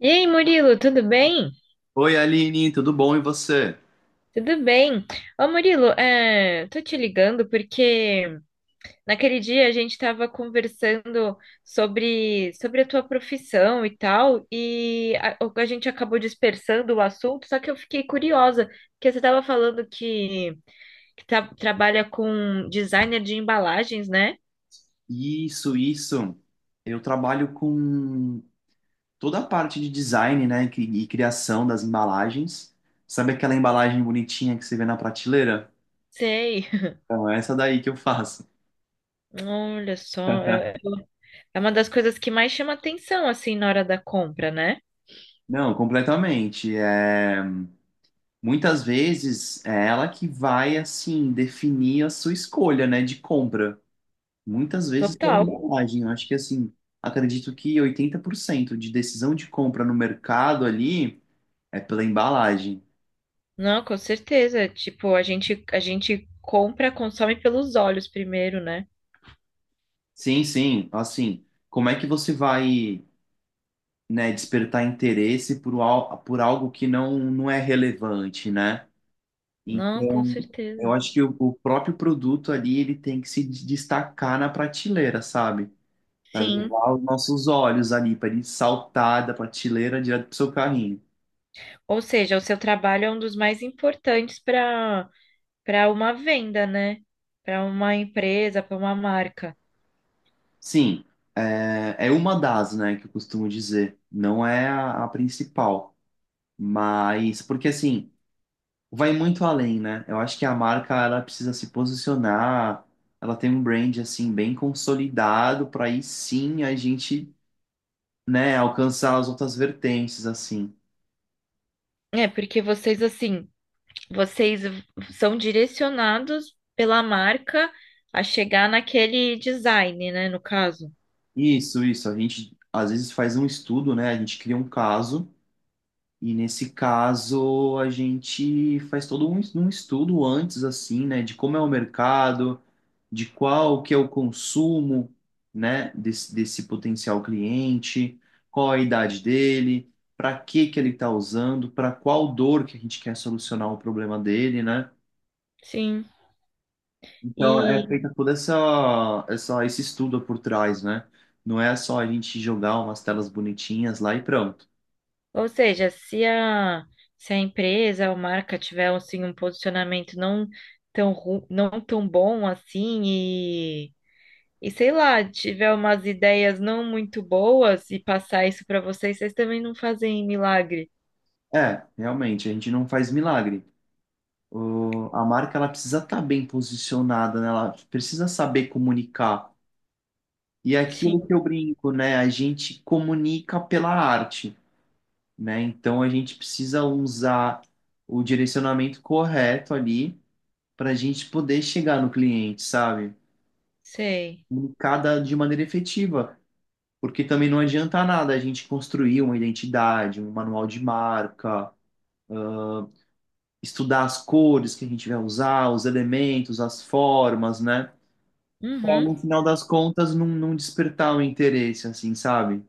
E aí, Murilo, tudo bem? Oi, Aline, tudo bom e você? Tudo bem. Ô, Murilo, tô te ligando porque naquele dia a gente estava conversando sobre a tua profissão e tal, e a gente acabou dispersando o assunto, só que eu fiquei curiosa, porque você estava falando que trabalha com designer de embalagens, né? Isso, isso. Eu trabalho com toda a parte de design, né, e e criação das embalagens. Sabe aquela embalagem bonitinha que você vê na prateleira? Sei. Então, é essa daí que eu faço. Olha só, é uma das coisas que mais chama atenção, assim, na hora da compra, né? Não, completamente. É, muitas vezes é ela que vai, assim, definir a sua escolha, né, de compra. Muitas vezes pela Total. embalagem. Eu acho que, assim, acredito que 80% de decisão de compra no mercado ali é pela embalagem. Não, com certeza. Tipo, a gente compra, consome pelos olhos primeiro, né? Sim, sim. Assim, como é que você vai, né, despertar interesse por, por algo que não é relevante, né? Não, com Então, eu certeza. acho que o próprio produto ali, ele tem que se destacar na prateleira, sabe? Para Sim. levar os nossos olhos ali, para ele saltar da prateleira direto pro seu carrinho. Ou seja, o seu trabalho é um dos mais importantes para uma venda, né? Para uma empresa, para uma marca. Sim, é uma das, né, que eu costumo dizer. Não é a principal. Mas, porque assim, vai muito além, né? Eu acho que a marca ela precisa se posicionar, ela tem um brand assim bem consolidado para aí sim a gente, né, alcançar as outras vertentes assim. É, porque vocês, assim, vocês v- são direcionados pela marca a chegar naquele design, né? No caso. Isso, isso. A gente às vezes faz um estudo, né? A gente cria um caso e nesse caso a gente faz todo um estudo antes assim, né, de como é o mercado de qual que é o consumo, né, desse potencial cliente, qual a idade dele, para que que ele está usando, para qual dor que a gente quer solucionar o problema dele, né? Sim. Então é feita toda essa, essa esse estudo por trás, né? Não é só a gente jogar umas telas bonitinhas lá e pronto. Ou seja, se a empresa ou marca tiver assim, um posicionamento não tão bom assim e sei lá, tiver umas ideias não muito boas e passar isso para vocês, vocês também não fazem milagre. É, realmente, a gente não faz milagre. A marca ela precisa estar bem posicionada, né? Ela precisa saber comunicar. E é aquilo Sim, que eu brinco, né? A gente comunica pela arte, né? Então a gente precisa usar o direcionamento correto ali para a gente poder chegar no cliente, sabe? sei. Comunicada de maneira efetiva, porque também não adianta nada a gente construir uma identidade, um manual de marca, estudar as cores que a gente vai usar, os elementos, as formas, né? Para Uhum, no final das contas não despertar o interesse, assim, sabe?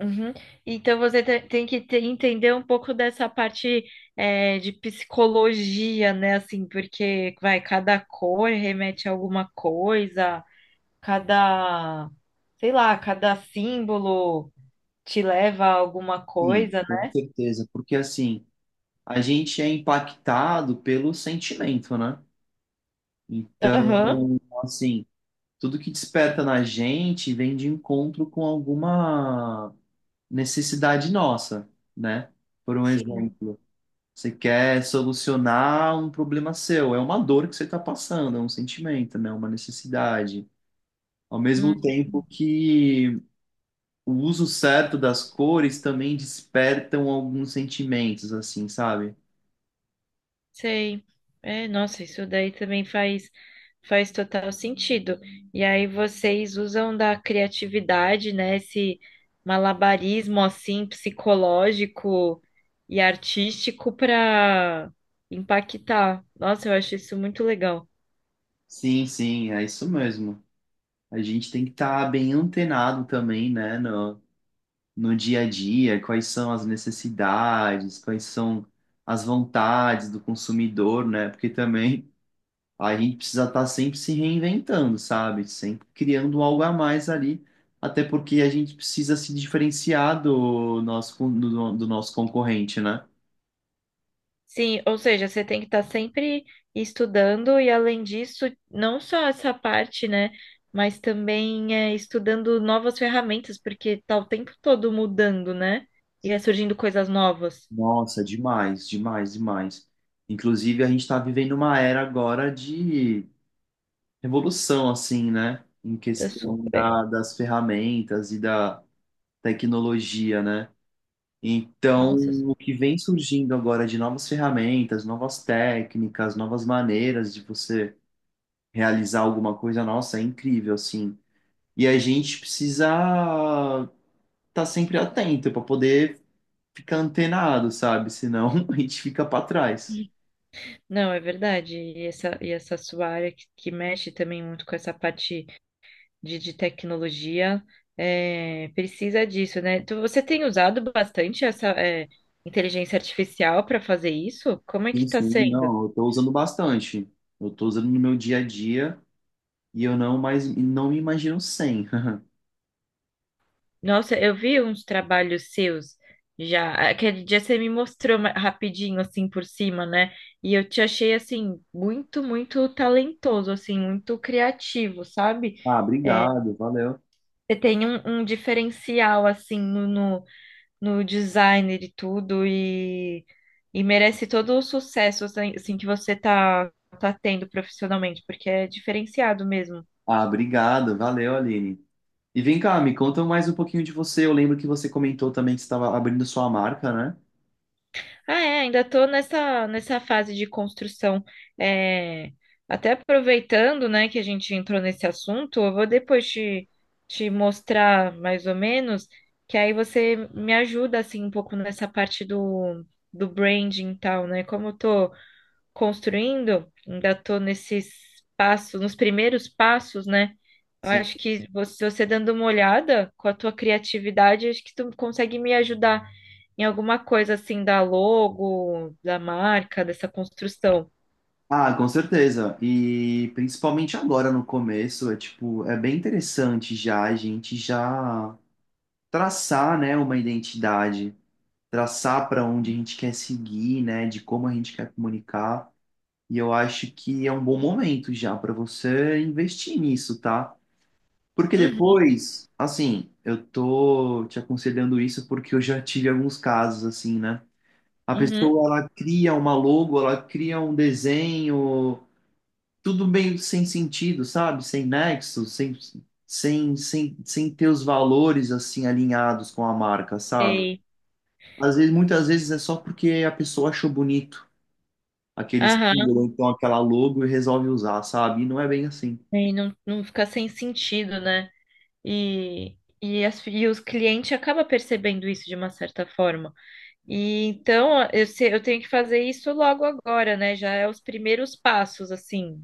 uhum. Então você tem que entender um pouco dessa parte de psicologia, né? Assim, porque vai, cada cor remete a alguma coisa. Cada, sei lá, cada símbolo te leva a alguma Sim, coisa, com né? certeza, porque assim, a gente é impactado pelo sentimento, né? Aham, Então, assim, tudo que desperta na gente vem de encontro com alguma necessidade nossa, né? Por um sim, exemplo, você quer solucionar um problema seu, é uma dor que você está passando, é um sentimento, né? Uma necessidade. Ao mesmo hum, tempo que o uso certo das cores também despertam alguns sentimentos, assim, sabe? sei. É, nossa, isso daí também faz total sentido. E aí vocês usam da criatividade, né? Esse malabarismo assim psicológico e artístico para impactar. Nossa, eu acho isso muito legal. Sim, sim, é isso mesmo. A gente tem que estar bem antenado também, né, no dia a dia, quais são as necessidades, quais são as vontades do consumidor, né? Porque também a gente precisa estar sempre se reinventando, sabe? Sempre criando algo a mais ali, até porque a gente precisa se diferenciar do nosso concorrente, né? Sim, ou seja, você tem que estar sempre estudando e além disso, não só essa parte, né, mas também estudando novas ferramentas, porque tá o tempo todo mudando, né? E é surgindo coisas novas. Nossa, demais, demais, demais. Inclusive, a gente está vivendo uma era agora revolução, assim, né? Em É questão super. da, das ferramentas e da tecnologia, né? Então, Nossa, o que vem surgindo agora de novas ferramentas, novas técnicas, novas maneiras de você realizar alguma coisa, nossa, é incrível, assim. E a gente precisa estar sempre atento para poder ficar antenado, sabe? Senão a gente fica para trás. não, é verdade. E essa sua área que mexe também muito com essa parte de tecnologia, é, precisa disso, né? Você tem usado bastante essa, é, inteligência artificial para fazer isso? Como é que Sim, está sim, sendo? não, eu tô usando bastante. Eu tô usando no meu dia a dia. E eu não mais não me imagino sem. Nossa, eu vi uns trabalhos seus já. Aquele dia você me mostrou rapidinho, assim, por cima, né? E eu te achei, assim, muito, muito talentoso, assim, muito criativo, sabe? Ah, É, obrigado, valeu. você tem um diferencial, assim, no design de tudo e merece todo o sucesso, assim, que você tá tendo profissionalmente, porque é diferenciado mesmo. Ah, obrigado, valeu, Aline. E vem cá, me conta mais um pouquinho de você. Eu lembro que você comentou também que você estava abrindo sua marca, né? Ah, é, ainda estou nessa fase de construção. É, até aproveitando, né, que a gente entrou nesse assunto, eu vou depois te mostrar mais ou menos, que aí você me ajuda, assim, um pouco nessa parte do branding e tal, né? Como eu tô construindo, ainda estou nesses passos, nos primeiros passos, né? Eu Sim. acho que você dando uma olhada com a tua criatividade, acho que tu consegue me ajudar em alguma coisa assim da logo, da marca, dessa construção. Ah, com certeza. E principalmente agora no começo, é tipo, é bem interessante já a gente já traçar, né, uma identidade, traçar para onde a gente quer seguir, né, de como a gente quer comunicar. E eu acho que é um bom momento já para você investir nisso, tá? Porque Uhum, depois, assim, eu tô te aconselhando isso porque eu já tive alguns casos assim, né? A uhum, pessoa, ela cria uma logo, ela cria um desenho, tudo meio sem sentido, sabe? Sem nexo, sem ter os valores, assim, alinhados com a marca, sabe? sei. Às vezes, muitas vezes é só porque a pessoa achou bonito aquele Aham, símbolo, ou então aquela logo e resolve usar, sabe? E não é bem assim. e não fica sem sentido, né? E os clientes acabam percebendo isso de uma certa forma. E então eu, se- eu tenho que fazer isso logo agora, né? Já é os primeiros passos, assim.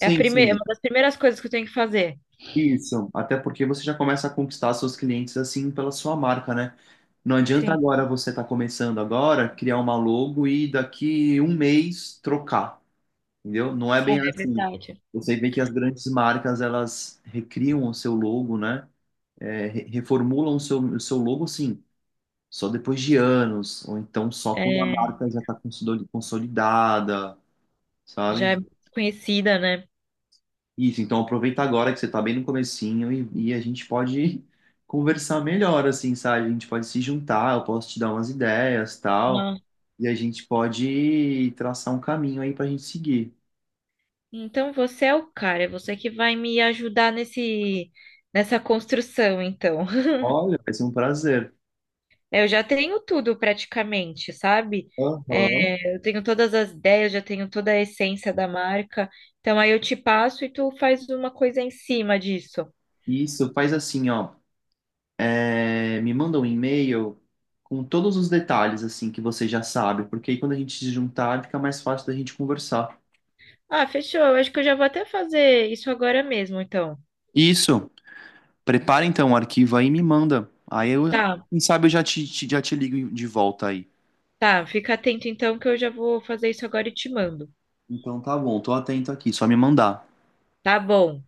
É a primeira, sim. uma das primeiras coisas que eu tenho que fazer. Isso, até porque você já começa a conquistar seus clientes assim pela sua marca, né? Não adianta Sim, agora você estar começando agora, criar uma logo e daqui um mês trocar, entendeu? Não é bem é assim. verdade. Você vê que as grandes marcas, elas recriam o seu logo, né? É, reformulam o seu logo, sim, só depois de anos, ou então só quando a É, marca já está consolidada, sabe? já é conhecida, né? Isso, então aproveita agora que você tá bem no comecinho e a gente pode conversar melhor, assim, sabe? A gente pode se juntar, eu posso te dar umas ideias, tal, e a gente pode traçar um caminho aí pra gente seguir. Então você é o cara, é você que vai me ajudar nesse nessa construção, então. Olha, vai ser um prazer. Eu já tenho tudo praticamente, sabe? Aham. É, eu tenho todas as ideias, já tenho toda a essência da marca. Então aí eu te passo e tu faz uma coisa em cima disso. Isso, faz assim, ó, é, me manda um e-mail com todos os detalhes, assim, que você já sabe, porque aí quando a gente se juntar fica mais fácil da gente conversar. Ah, fechou. Eu acho que eu já vou até fazer isso agora mesmo, então. Isso. Prepara então o arquivo aí e me manda. Aí eu, Tá, quem sabe eu já te ligo de volta aí. tá. Fica atento então que eu já vou fazer isso agora e te mando. Então tá bom, tô atento aqui, só me mandar. Tá bom.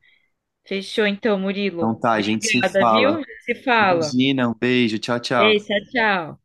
Fechou então, Então Murilo. tá, a gente se Obrigada, viu? Já fala. se fala. Imagina, um beijo, tchau, Ei, tchau. tchau, tchau.